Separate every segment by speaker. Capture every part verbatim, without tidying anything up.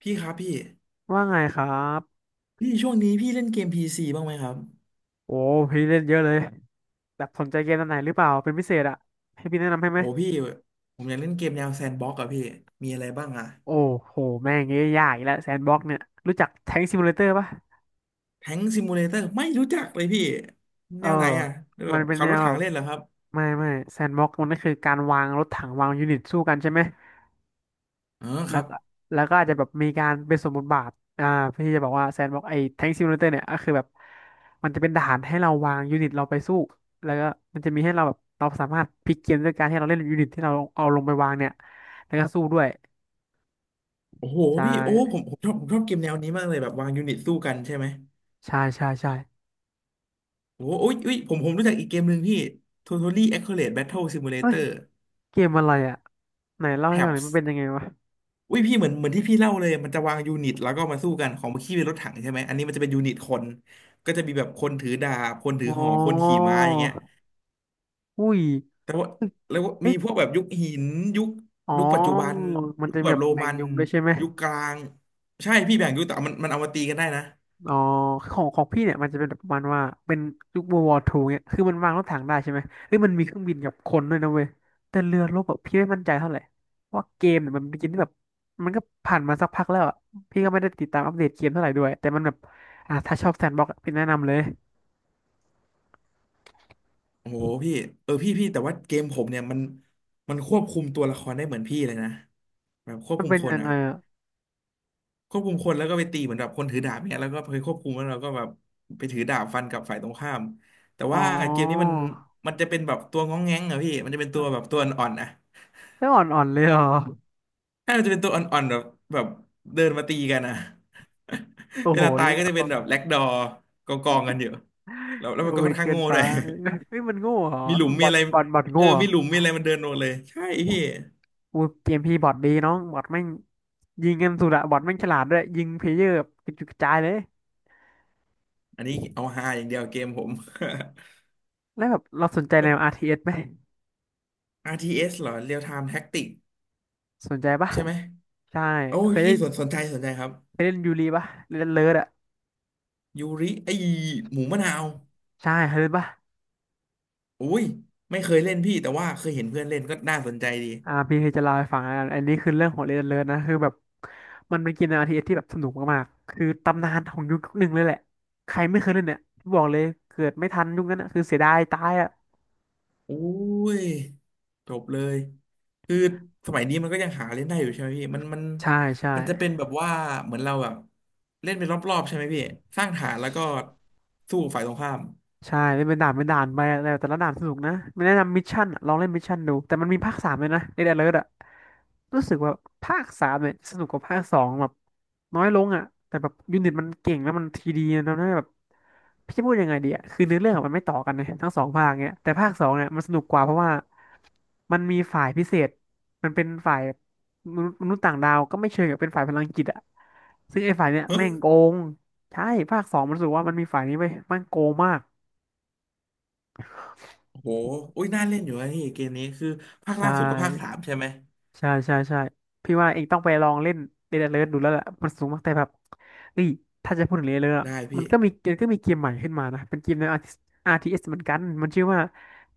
Speaker 1: พี่ครับพี่
Speaker 2: ว่าไงครับ
Speaker 1: พี่ช่วงนี้พี่เล่นเกมพีซีบ้างไหมครับ
Speaker 2: โอ้พี่เล่นเยอะเลยแบบสนใจเกมอันไหนหรือเปล่า เป็นพิเศษอะให้พี่แนะนำให้ไหม
Speaker 1: โอ้พี่ผมอยากเล่นเกมแนวแซนด์บ็อกซ์อะพี่มีอะไรบ้างอะ
Speaker 2: โอ้โห แม่งเงี้ยยากอีกแล้วแซนบ็อกเนี่ย รู้จักแทงซิมูเลเตอร์ปะ
Speaker 1: แทงซิมูเลเตอร์ไม่รู้จักเลยพี่
Speaker 2: เอ
Speaker 1: แน
Speaker 2: อ
Speaker 1: วไหนอะแบ
Speaker 2: มัน
Speaker 1: บ
Speaker 2: เป็น
Speaker 1: ขับ
Speaker 2: แน
Speaker 1: ร
Speaker 2: ว
Speaker 1: ถถั
Speaker 2: แบ
Speaker 1: ง
Speaker 2: บ
Speaker 1: เล่นเหรอครับ
Speaker 2: ไม่ไม่แซนบ็อกมันก็คือการวางรถถังวางยูนิตสู้กันใช่ไหม
Speaker 1: อ๋อค
Speaker 2: แล้
Speaker 1: รั
Speaker 2: ว
Speaker 1: บ
Speaker 2: ก็แล้วก็อาจจะแบบมีการเป็นสมมุติบาทอ่าเพื่อที่จะบอกว่าแซนบอกไอ้แท็งซิมูเลเตอร์เนี่ยก็คือแบบมันจะเป็นฐานให้เราวางยูนิตเราไปสู้แล้วก็มันจะมีให้เราแบบเราสามารถพลิกเกมด้วยการให้เราเล่นยูนิตที่เราเอาลงไปวางเนี่ยแล้วก็สู้ด้วย
Speaker 1: โอ้โห
Speaker 2: ใช่
Speaker 1: พี่โอ้ผมผมชอบผมชอบเกมแนวนี้มากเลยแบบวางยูนิตสู้กันใช่ไหม
Speaker 2: ใช่ใช่ใช่
Speaker 1: โอ้โหอยอุยผมผมรู้จักอีกเกมหนึ่งพี่ Totally Accurate Battle
Speaker 2: เฮ้ย
Speaker 1: Simulator
Speaker 2: เกมอะไรอ่ะไหนเล่าให้ฟังหน่อยมัน
Speaker 1: Tabs
Speaker 2: เป็นยังไงวะ
Speaker 1: อุ้ยพี่เหมือนเหมือนที่พี่เล่าเลยมันจะวางยูนิตแล้วก็มาสู้กันของเมื่อกี้เป็นรถถังใช่ไหมอันนี้มันจะเป็นยูนิตคนก็จะมีแบบคนถือดาบคนถือ
Speaker 2: อ๋
Speaker 1: หอกคน
Speaker 2: อ
Speaker 1: ขี่ม้าอย่างเงี้ย
Speaker 2: อุ้ย
Speaker 1: แต่ว่าแล้วก็มี
Speaker 2: เอ๊ะ
Speaker 1: พวกแบบยุคหินยุค
Speaker 2: อ๋อ
Speaker 1: ยุคปัจจุบัน
Speaker 2: มัน
Speaker 1: ยุ
Speaker 2: จะ
Speaker 1: ค
Speaker 2: มี
Speaker 1: แบบ
Speaker 2: แบบ
Speaker 1: โร
Speaker 2: แบ่ง
Speaker 1: มัน
Speaker 2: ยุคด้วยใช่ไหม
Speaker 1: ยุคกลางใช่พี่แบ่งยุคแต่มันมันเอามาตีกันได้นะ
Speaker 2: อ๋อของของพี่เนี่ยมันจะเป็นแบบประมาณว่าเป็นยุค World War i เนี่ยคือมันวางรถถังได้ใช่ไหมเอ้ยมันมีเครื่องบินกับคนด้วยนะเว้ยแต่เรือรบแบบพี่ไม่มั่นใจเท่าไหร่เพราะว่าเกมเนี่ยมันเป็นเกมที่แบบมันก็ผ่านมาสักพักแล้วอ่ะพี่ก็ไม่ได้ติดตามอัปเดตเกมเท่าไหร่ด้วยแต่มันแบบอ่ะถ้าชอบแซนด์บ็อกซ์พี่แนะนำเลย
Speaker 1: โอ้โหพี่เออพี่พี่แต่ว่าเกมผมเนี่ยมันมันควบคุมตัวละครได้เหมือนพี่เลยนะแบบควบ
Speaker 2: มัน
Speaker 1: คุม
Speaker 2: เป็น
Speaker 1: คน
Speaker 2: ยังไง
Speaker 1: อ่ะ
Speaker 2: อะ
Speaker 1: ควบคุมคนแล้วก็ไปตีเหมือนแบบคนถือดาบเนี่ยแล้วก็ไปควบคุมแล้วเราก็แบบไปถือดาบฟันกับฝ่ายตรงข้ามแต่
Speaker 2: อ๋
Speaker 1: ว่าเกมนี้มัน
Speaker 2: อ
Speaker 1: มันจะเป็นแบบตัวง้องแง้งอะพี่มันจะเป็นตัวแบบตัวอ่อนๆอะ
Speaker 2: ไม่อ่อนๆเลยเหรอ
Speaker 1: ถ้ามันจะเป็นตัวอ่อนๆแบบแบบเดินมาตีกันอะ
Speaker 2: โอ้
Speaker 1: เว
Speaker 2: โห
Speaker 1: ลาตา
Speaker 2: เนี
Speaker 1: ย
Speaker 2: ย
Speaker 1: ก็จะเป็นแบบแล็กดอร์กองกองกันอยู่แล้วแล้วมั
Speaker 2: โอ้
Speaker 1: นก็
Speaker 2: ย
Speaker 1: ค่อนข้าง
Speaker 2: เกิน
Speaker 1: โง่
Speaker 2: ไป
Speaker 1: ด้วย
Speaker 2: เฮ้ยมันโง่เหรอ
Speaker 1: มีหลุม
Speaker 2: บ
Speaker 1: มี
Speaker 2: อท
Speaker 1: อะไร
Speaker 2: บอทบอท
Speaker 1: เอ
Speaker 2: โง่
Speaker 1: อ
Speaker 2: เหรอ
Speaker 1: มีหลุมมีอะไรมันเดินลงเลยใช่พี่
Speaker 2: อูเกมพี่บอทดีน้องบอทแม่ง ยิงกันสุดอะบอทแม่งฉลาดด้วยยิงเพลเยอร์กระจุกกระจายเลย
Speaker 1: อันนี้เอาฮาอย่างเดียวเกมผม
Speaker 2: แล้วแบบเราสนใจแนว อาร์ ที เอส ไหม
Speaker 1: อาร์ ที เอส เอสเหรอ Real Time Tactics
Speaker 2: สนใจปะ
Speaker 1: ใช่ไหม
Speaker 2: ใช่
Speaker 1: โอ้
Speaker 2: เค
Speaker 1: ย
Speaker 2: ย
Speaker 1: พี่
Speaker 2: เล่น
Speaker 1: สนสนใจสนใจครับ
Speaker 2: เคยเล่นยูรีปะเล่นเลิร์ดอะ
Speaker 1: ยูริไอหมูมะนาว
Speaker 2: ใช่เคยเล่นปะ
Speaker 1: โอ้ยไม่เคยเล่นพี่แต่ว่าเคยเห็นเพื่อนเล่นก็น่าสนใจดี
Speaker 2: อ่าพี่เคยจะเล่าให้ฟังอะอันนี้คือเรื่องของเล่นเลิร์ดนะคือแบบมันเป็นเกมแนว อาร์ ที เอส ทีเอสที่แบบสนุกมากๆคือตำนานของยุคหนึ่งเลยแหละใครไม่เคยเล่นเนี่ยบอกเลยเกิดไม่ทันยุคนั้นอะคือเสียดายตายอะ
Speaker 1: โอ้ยจบเลยคือสมัยนี้มันก็ยังหาเล่นได้อยู่ใช่ไหมพี่มันมัน
Speaker 2: ใช่ใช่
Speaker 1: มันจะเป็นแบบว่าเหมือนเราแบบเล่นเป็นรอบๆใช่ไหมพี่สร้างฐานแล้วก็สู้ฝ่ายตรงข้าม
Speaker 2: ใช่เล่นเป็นด่านเป็นด่านไปแต่แต่ละด่านสนุกนะไม่แนะนำมิชชั่นอะลองเล่นมิชชั่นดูแต่มันมีภาคสามเลยนะในเดอะเลิร์ดอะรู้สึกว่าภาคสามเนี่ยสนุกกว่าภาคสองแบบน้อยลงอะแต่แบบยูนิตมันเก่งแล้วมันทีดีนะทำใหแบบพี่จะพูดยังไงดีอะคือเนื้อเรื่องอะมันไม่ต่อกันนะทั้งสองภาคเนี่ยแต่ภาคสองเนี่ยมันสนุกกว่าเพราะว่ามันมีฝ่ายพิเศษมันเป็นฝ่ายมนุษย์มนุษย์ต่างดาวก็ไม่เชิงกับเป็นฝ่ายพลังจิตอะซึ่งไอ้ฝ่ายเนี่ย
Speaker 1: เฮ้อ
Speaker 2: แม่งโกงใช่ภาคสองมันรู้สึกว่ามันมีฝ่ายนี้ไปมันโกงมาก
Speaker 1: โอ้โหอุ้ยน่าเล่นอยู่นะพี่เกมนี้คือภาค
Speaker 2: ใช่
Speaker 1: ล่าสุดก็ภาคสามใช่ไหม
Speaker 2: ใช่ใช่ใช่พี่ว่าเองต้องไปลองเล่นเดดเลิร์ดูแล้วแหละมันสูงมากแต่แบบเฮ้ยถ้าจะพูดถึงเดนเลิร์
Speaker 1: ได้พี่
Speaker 2: มันก็มีมันก็มีเกมใหม่ขึ้นมานะเป็นเกมใน อาร์ ที เอส เอสเหมือนกันมันชื่อว่า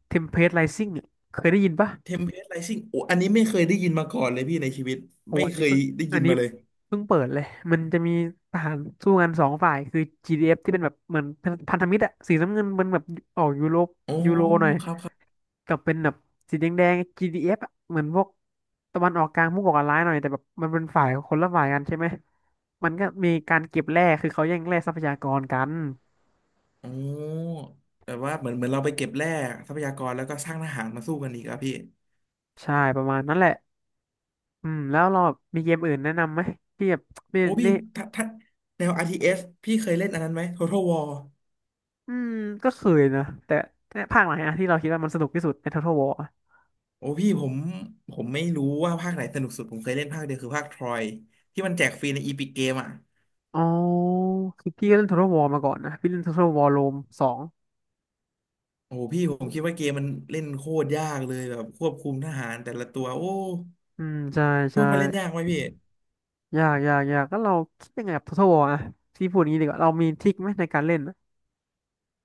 Speaker 2: Tempest Rising อะเคยได้ยินปะ
Speaker 1: เทมเพลตไรซิ่งโอ้อันนี้ไม่เคยได้ยินมาก่อนเลยพี่ในชีวิต
Speaker 2: โอ้
Speaker 1: ไม่
Speaker 2: อัน
Speaker 1: เค
Speaker 2: นี้
Speaker 1: ย
Speaker 2: เพิ่ง
Speaker 1: ได้
Speaker 2: อั
Speaker 1: ยิ
Speaker 2: น
Speaker 1: น
Speaker 2: นี้
Speaker 1: มาเลย
Speaker 2: เพิ่งเปิดเลยมันจะมีทหารสู้กันสองฝ่ายคือ จี ดี เอฟ ที่เป็นแบบเหมือนพันธมิตรอะสีน้ำเงินมันแบบออกยูโร
Speaker 1: โอ้
Speaker 2: ยูโรหน่อย
Speaker 1: ครับครับ
Speaker 2: กับเป็นแบบสีแดงแดง จี ดี เอฟ อฟอะเหมือนพวกตะวันออกกลางพวกก่อการร้ายหน่อยแต่แบบมันเป็นฝ่ายคนละฝ่ายกันใช่ไหมมันก็มีการเก็บแร่คือเขาแย่งแร่ทรัพยากรกัน
Speaker 1: โอ้แต่ว่าเหมือนเหมือนเราไปเก็บแร่ทรัพยากรแล้วก็สร้างทหารมาสู้กันอีกครับพี่
Speaker 2: ใช่ประมาณนั้นแหละอืมแล้วเราแบบมีเกมอื่นแนะนำไหมที่แบบนี่
Speaker 1: โอ้พี่
Speaker 2: นี่
Speaker 1: ถ้าถ้าแนว อาร์ ที เอส พี่เคยเล่นอันนั้นไหม Total War
Speaker 2: อืมก็เคยนะแต่แต่ภาคไหนอะที่เราคิดว่ามันสนุกที่สุดใน Total War อะ
Speaker 1: โอ้พี่ผมผมไม่รู้ว่าภาคไหนสนุกสุดผมเคยเล่นภาคเดียวคือภาคทรอยที่มันแจกฟรีใน อี พี จี ิกเอ่ะ
Speaker 2: อ๋อคือพี่ก็เล่น Total War มาก่อนนะพี่เล่น Total War Rome สอง
Speaker 1: โอ้พี่ผมคิดว่าเกมมันเล่นโคตรยากเลยแบบควบคุมทหารแต่ละตัวโอ้
Speaker 2: อืมใช่
Speaker 1: คิด
Speaker 2: ใช่
Speaker 1: ว่ามันเล่นยากไหมพี่
Speaker 2: อยากอยากอยากก็เราคิดยังไงกับ Total War อะพี่พูดอย่างนี้ดีกว่าเรามีทริคไหมในการเล่น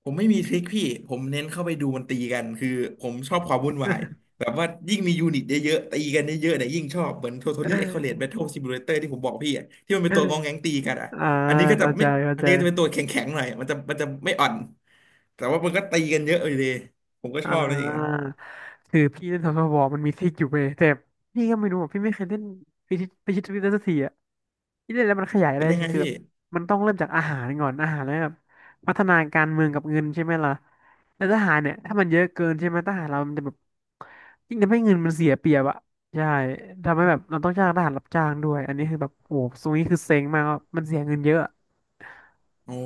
Speaker 1: ผมไม่มีทริคพี่ ผมเน้นเข้าไปดูมันตีกัน คือผมชอบความวุ่นวาย แบบว่ายิ่งมียูนิตเยอะๆตีกันเยอะๆเนี่ยยิ่งชอบเหมือน Totally Accurate Battle Simulator ที่ผมบอกพี่อะที่มันเป็นตัวงองแงงตีกันอ่ะ
Speaker 2: อ่า
Speaker 1: อันนี้ก็ จะ
Speaker 2: เข้าใจ
Speaker 1: ไม่
Speaker 2: เข้า
Speaker 1: อัน
Speaker 2: ใจ
Speaker 1: นี้ก็จะเป็นตัวแข็งๆหน่อยมันจะมันจะไม่อ่อนแต่ว่ามันก็ตีกันเยอะอยู่ดีผมก็
Speaker 2: อ่
Speaker 1: ชอบนะอย่างนั้น
Speaker 2: าคือพี่เล่น Total War มันมีทริคอยู่เว้ยแต่พี่ก็ไม่รู้อ่ะพี่ไม่เคยเล่นพิชิตพิชิตทริคได้สักทีอ่ะ ที่เล่นแล้วมันขยายอะ
Speaker 1: เป็
Speaker 2: ไร
Speaker 1: นยังไง
Speaker 2: ใช่คือ
Speaker 1: พี่
Speaker 2: แบบมันต้องเริ่มจากอาหารก่อนอาหารแล้วแบบพัฒนาการเมืองกับเงินใช่ไหมล่ะแล้วทหารเนี่ยถ้ามันเยอะเกินใช่ไหมทหารเรามันจะแบบยิ่งทำให้เงินมันเสียเปรียบอะใช่ทำให้แบบเราต้องจ้างทหารรับจ้างด้วยอันนี้คือแบบโอ้ตรงนี้คือเซ็งมากว่ามันเสียเงินเยอะ
Speaker 1: อ๋อ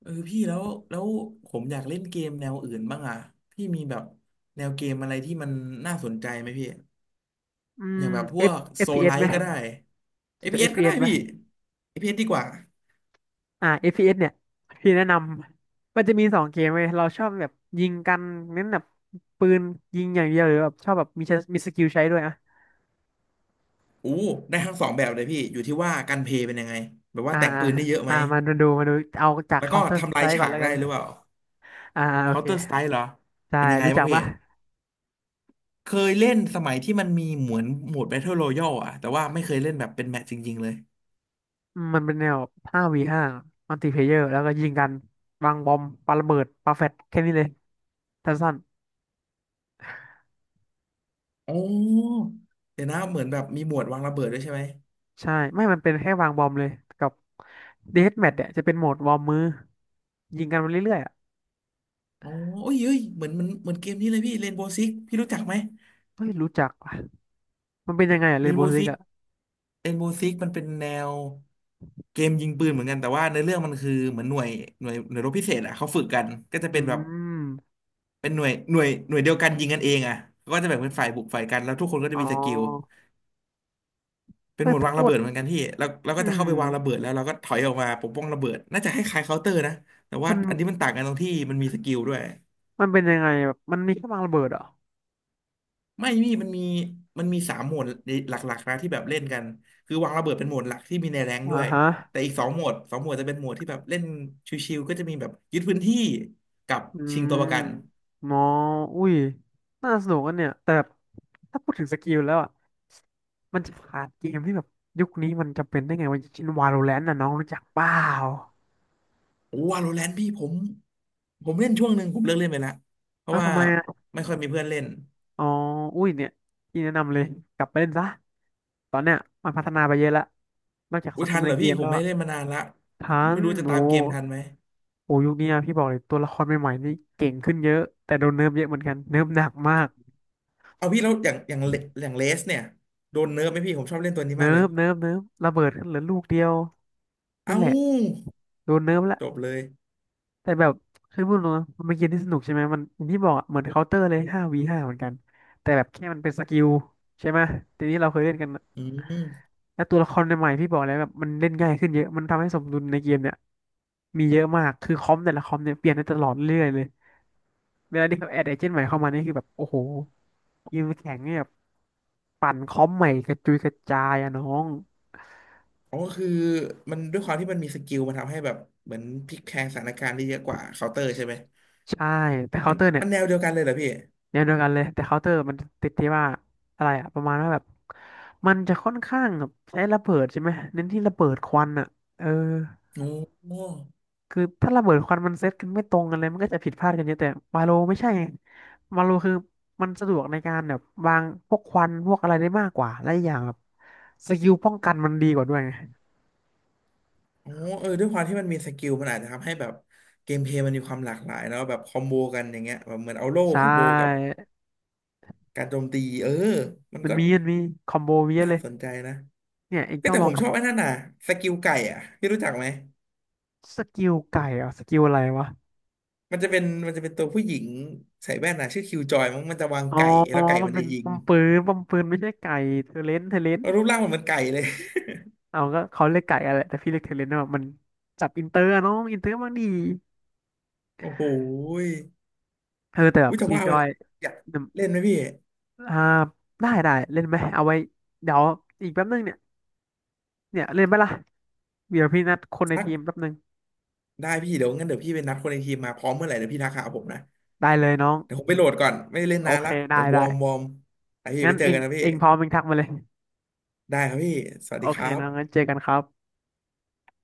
Speaker 1: เออพี่แล้วแล้วผมอยากเล่นเกมแนวอื่นบ้างอ่ะพี่มีแบบแนวเกมอะไรที่มันน่าสนใจไหมพี่
Speaker 2: อื
Speaker 1: อ
Speaker 2: ม
Speaker 1: ย่างแบบพว
Speaker 2: F
Speaker 1: ก
Speaker 2: เอ
Speaker 1: โซ
Speaker 2: ฟพี
Speaker 1: ล
Speaker 2: เอ
Speaker 1: ไล
Speaker 2: สไหม
Speaker 1: ท์ก็ได้
Speaker 2: ส
Speaker 1: เอ
Speaker 2: นใจ
Speaker 1: พี
Speaker 2: เอ
Speaker 1: เอสก็ได้
Speaker 2: s ไหม
Speaker 1: พี่เอพีเอสดีกว่า
Speaker 2: อ่า เอฟ พี เอส เอสเนี่ยพี่แนะนำมันจะมีสองเกมเว้ยเราชอบแบบยิงกันเน้นแบบปืนยิงอย่างเดียวหรือแบบชอบแบบมีใช้มีสกิลใช้ด้วยอะ
Speaker 1: อู้ได้ทั้งสองแบบเลยพี่อยู่ที่ว่าการเพลย์เป็นยังไงแบบว่า
Speaker 2: อ่า
Speaker 1: แต่งปืนได้เยอะไหม
Speaker 2: อ่ามามาดูมาดูเอาจาก
Speaker 1: แล้วก็
Speaker 2: Counter
Speaker 1: ทำลาย
Speaker 2: Strike ก่อน
Speaker 1: ฉาก
Speaker 2: แล้วกั
Speaker 1: ได้
Speaker 2: น
Speaker 1: หรือเปล่า
Speaker 2: อ่าอาโอเค
Speaker 1: Counter Strike เหรอ
Speaker 2: ใช่
Speaker 1: เป็นยังไง
Speaker 2: รู้
Speaker 1: บ้า
Speaker 2: จั
Speaker 1: ง
Speaker 2: ก
Speaker 1: พี่
Speaker 2: ปะ
Speaker 1: เคยเล่นสมัยที่มันมีเหมือนโหมด Battle Royale อะแต่ว่าไม่เคยเล่นแบบเป็นแมตช์จริงๆเลย
Speaker 2: อืมมันเป็นแนว ห้า วี ห้า มัลติเพลเยอร์แล้วก็ยิงกันวางบอมปาระเบิดปาแฟตแค่นี้เลยสั้น
Speaker 1: โอ้เดี๋ยวนะเหมือนแบบมีหมวดวางระเบิดด้วยใช่ไหม
Speaker 2: ๆใช่ไม่มันเป็นแค่วางบอมเลยกับเดธแมทเนี่ยจะเป็นโหมดวอร์มมือยิงกันไปเรื่อยๆอ่ะ
Speaker 1: อ๋อโอ้ยเอ้ยเหมือนเหมือนเหมือนเกมนี้เลยพี่เรนโบว์ซิกพี่รู้จักไหม
Speaker 2: เฮ้ยรู้จักว่ะมันเป็นยังไงอ่ะเร
Speaker 1: เร
Speaker 2: น
Speaker 1: น
Speaker 2: โบ
Speaker 1: โบ
Speaker 2: ว์
Speaker 1: ว์
Speaker 2: ซิ
Speaker 1: ซิ
Speaker 2: ก
Speaker 1: ก
Speaker 2: อ่ะ
Speaker 1: เอ็นโบว์ซิกมันเป็นแนวเกมยิงปืนเหมือนกันแต่ว่าในอเรื่องมันคือเหมือนหน่วยหน่วยหน่วยรบพิเศษอ่ะเขาฝึกกันก็จะ
Speaker 2: อื
Speaker 1: เป็นแบบ
Speaker 2: ม
Speaker 1: เป็นหน่วยหน่วยหน่วยเดียวกันยิงกันเองอ่ะก็จะแบ่งเป็นฝ่ายบุกฝ่ายกันแล้วทุกคนก็
Speaker 2: อ๋
Speaker 1: จะมีสกิล
Speaker 2: อ
Speaker 1: เป็น
Speaker 2: เอ
Speaker 1: หม
Speaker 2: อ
Speaker 1: วด
Speaker 2: ถ้า
Speaker 1: วาง
Speaker 2: พู
Speaker 1: ระ
Speaker 2: ด
Speaker 1: เบิดเหมือนกันพี่แล้วเรา
Speaker 2: อื
Speaker 1: ก็จะเข้า
Speaker 2: ม
Speaker 1: ไปวางระเบิดแล้วเราก็ถอยออกมาปกป้องระเบิดน่าจะคล้ายๆเคาน์เตอร์นะแต่ว่า
Speaker 2: มัน
Speaker 1: อันนี้มันต่างกันตรงที่มันมีสกิลด้วย
Speaker 2: มันเป็นยังไงแบบมันมีแค่วางระเบิดเหรอ
Speaker 1: ไม่มีมันมีมันมีสามโหมดหลักๆนะที่แบบเล่นกันคือวางระเบิดเป็นโหมดหลักที่มีในแรงค์
Speaker 2: อ่า
Speaker 1: ด้วย
Speaker 2: ฮะ
Speaker 1: แต่อีกสองโหมดสองโหมดจะเป็นโหมดที่แบบเล่นชิวๆก็จะมีแบบยึดพื้นที่กับ
Speaker 2: อื
Speaker 1: ชิงตัว
Speaker 2: ม
Speaker 1: ประกัน
Speaker 2: มออุ้ยน่าสนุกกันเนี่ยแต่แบบถ้าพูดถึงสกิลแล้วอ่ะมันจะขาดเกมที่แบบยุคนี้มันจำเป็นได้ไงวะอย่างเช่น Valorant น่ะน้องรู้จักเปล่า
Speaker 1: โอ้วาโลแรนต์พี่ผมผมเล่นช่วงหนึ่งผมเลิกเล่นไปละเพ
Speaker 2: อ้า
Speaker 1: ราะ
Speaker 2: ว
Speaker 1: ว่า
Speaker 2: ทำไมอ่ะ
Speaker 1: ไม่ค่อยมีเพื่อนเล่น
Speaker 2: อ๋ออุ้ยเนี่ยพี่แนะนำเลยกลับไปเล่นซะตอนเนี้ยมันพัฒนาไปเยอะละนอกจาก
Speaker 1: อุ้
Speaker 2: สั
Speaker 1: ย
Speaker 2: งค
Speaker 1: ทั
Speaker 2: ม
Speaker 1: นเห
Speaker 2: ใน
Speaker 1: รอ
Speaker 2: เก
Speaker 1: พี่
Speaker 2: ม
Speaker 1: ผ
Speaker 2: แล้
Speaker 1: ม
Speaker 2: ว
Speaker 1: ไม่
Speaker 2: อะ
Speaker 1: ได้เล่นมานานละ
Speaker 2: ทั
Speaker 1: ไม่
Speaker 2: น
Speaker 1: รู้จะ
Speaker 2: โอ้
Speaker 1: ตามเกมทันไหม
Speaker 2: โอ้ยุคนี้อะพี่บอกเลยตัวละครใหม่ๆนี่เก่งขึ้นเยอะแต่โดนเนิร์ฟเยอะเหมือนกันเนิร์ฟหนักมาก
Speaker 1: เอาพี่แล้วอย่างอย่างเลอย่างเลสเนี่ยโดนเนิร์ฟไหมพี่ผมชอบเล่นตัวนี้
Speaker 2: เนิ
Speaker 1: มากเล
Speaker 2: ร์
Speaker 1: ย
Speaker 2: ฟเนิร์ฟเนิร์ฟระเบิดขึ้นเหลือลูกเดียวนั่น
Speaker 1: เอ้า
Speaker 2: แหละโดนเนิร์ฟละ
Speaker 1: จบเลย
Speaker 2: แต่แบบคือพูดตรงนะมันเป็นเกมที่สนุกใช่ไหมมันอย่างที่บอกอะเหมือนเคาน์เตอร์เลยห้าวีห้าเหมือนกันแต่แบบแค่มันเป็นสกิลใช่ไหมทีนี้เราเคยเล่นกันนะ
Speaker 1: อืม
Speaker 2: แล้วตัวละครใหม่ๆพี่บอกเลยแบบมันเล่นง่ายขึ้นเยอะมันทำให้สมดุลในเกมเนี่ยมีเยอะมากคือคอมแต่ละคอมเนี่ยเปลี่ยนได้ตลอดเรื่อยเลยเวลาที่เขาแอดเอเจนต์ใหม่เข้ามานี่คือแบบโอ้โหยกมแข่งเนี่ยปั่นคอมใหม่กระจุยกระจายอะน้อง
Speaker 1: อ๋อคือมันด้วยความที่มันมีสกิลมันทำให้แบบเหมือนพลิกแพลงสถานการณ์ได้เยอะกว่าเคาน์เตอร์ใช่ไหม
Speaker 2: ใช่แต่เคา
Speaker 1: มั
Speaker 2: น์
Speaker 1: น
Speaker 2: เตอร์เนี่ย
Speaker 1: มันแนวเดียวกันเลยเหรอพี่
Speaker 2: แนวเดียวกันเลยแต่เคาน์เตอร์มันติดที่ว่าอะไรอะประมาณว่าแบบมันจะค่อนข้างแบบใช้ระเบิดใช่ไหมเน้นที่ระเบิดควันอะเออ
Speaker 1: โอ้โห
Speaker 2: คือถ้าระเบิดควันมันเซตกันไม่ตรงกันเลยมันก็จะผิดพลาดกันเยอะแต่มาโลไม่ใช่ไงมาโลคือมันสะดวกในการแบบวางพวกควันพวกอะไรได้มากกว่าและอกอย่างแบบสกิลป้องกันมันดีกว่าด้วยไง
Speaker 1: โอ้เออด้วยความที่มันมีสกิลมันอาจจะทำให้แบบเกมเพลย์มันมีความหลากหลายแล้วแบบคอมโบกันอย่างเงี้ยแบบเหมือนเอาโล่
Speaker 2: ใช่
Speaker 1: คอมโบกับการโจมตีเออมัน
Speaker 2: มัน
Speaker 1: ก็
Speaker 2: มีมันมีคอมโบเยอะ
Speaker 1: น่า
Speaker 2: เลย
Speaker 1: สนใจนะ
Speaker 2: เนี่ยเอง
Speaker 1: เอ้ย
Speaker 2: ต้อง
Speaker 1: แต่
Speaker 2: ล
Speaker 1: ผ
Speaker 2: อง
Speaker 1: ม
Speaker 2: กั
Speaker 1: ช
Speaker 2: บ
Speaker 1: อบไอ้นั่นน่ะสกิลไก่อ่ะพี่รู้จักไหม
Speaker 2: สกิลไก่เหรอ่ะสกิลอะไรวะ
Speaker 1: มันจะเป็นมันจะเป็นตัวผู้หญิงใส่แว่นน่ะชื่อคิวจอยมั้งมันจะวาง
Speaker 2: อ๋อ
Speaker 1: ไก่แล้วไก่
Speaker 2: มัน
Speaker 1: มัน
Speaker 2: เป็
Speaker 1: จะ
Speaker 2: น
Speaker 1: ยิ
Speaker 2: ป
Speaker 1: ง
Speaker 2: อมปืนปอมปืนไม่ใช่ไก่เทเลนเทเลน
Speaker 1: แล้วรูปร่างมันเหมือนไก่เลย
Speaker 2: เอาก็เขาเรียกไก่อะไรแต่พี่เรียกเทเลนเนาะมันจับอินเตอร์อะน้องอินเตอร์บางดี
Speaker 1: โอ้โห
Speaker 2: เออแต่แบบ
Speaker 1: อุ้ยจะ
Speaker 2: คีย์
Speaker 1: ว่า
Speaker 2: จ
Speaker 1: ไป
Speaker 2: อ
Speaker 1: แล้
Speaker 2: ย
Speaker 1: วอยากเล่นไหมพี่
Speaker 2: อ่าได้ได้เล่นไหมเอาไว้เดี๋ยวอีกแป๊บนึงเนี่ยเนี่ยเล่นไหมล่ะเดี๋ยวพี่นัดคนใน
Speaker 1: สัก
Speaker 2: ทีมแป๊บนึง
Speaker 1: ได้พี่เดี๋ยวงั้นเดี๋ยวพี่ไปนัดคนในทีมมาพร้อมเมื่อไหร่เดี๋ยวพี่ทักหาผมนะ
Speaker 2: ได้เลยน้อง
Speaker 1: เดี๋ยวผมไปโหลดก่อนไม่ได้เล่น
Speaker 2: โอ
Speaker 1: นาน
Speaker 2: เค
Speaker 1: ละเดี๋
Speaker 2: ได้
Speaker 1: ยววอ
Speaker 2: ได้
Speaker 1: ร์มวอร์มไอพี่
Speaker 2: งั้
Speaker 1: ไป
Speaker 2: น
Speaker 1: เจ
Speaker 2: เอ
Speaker 1: อ
Speaker 2: ง
Speaker 1: กันนะพี่
Speaker 2: เองพร้อมเองทักมาเลย
Speaker 1: ได้ครับพี่สวัส
Speaker 2: โอ
Speaker 1: ดีค
Speaker 2: เค
Speaker 1: รั
Speaker 2: นะงั้นเจ
Speaker 1: บ
Speaker 2: อกันครับ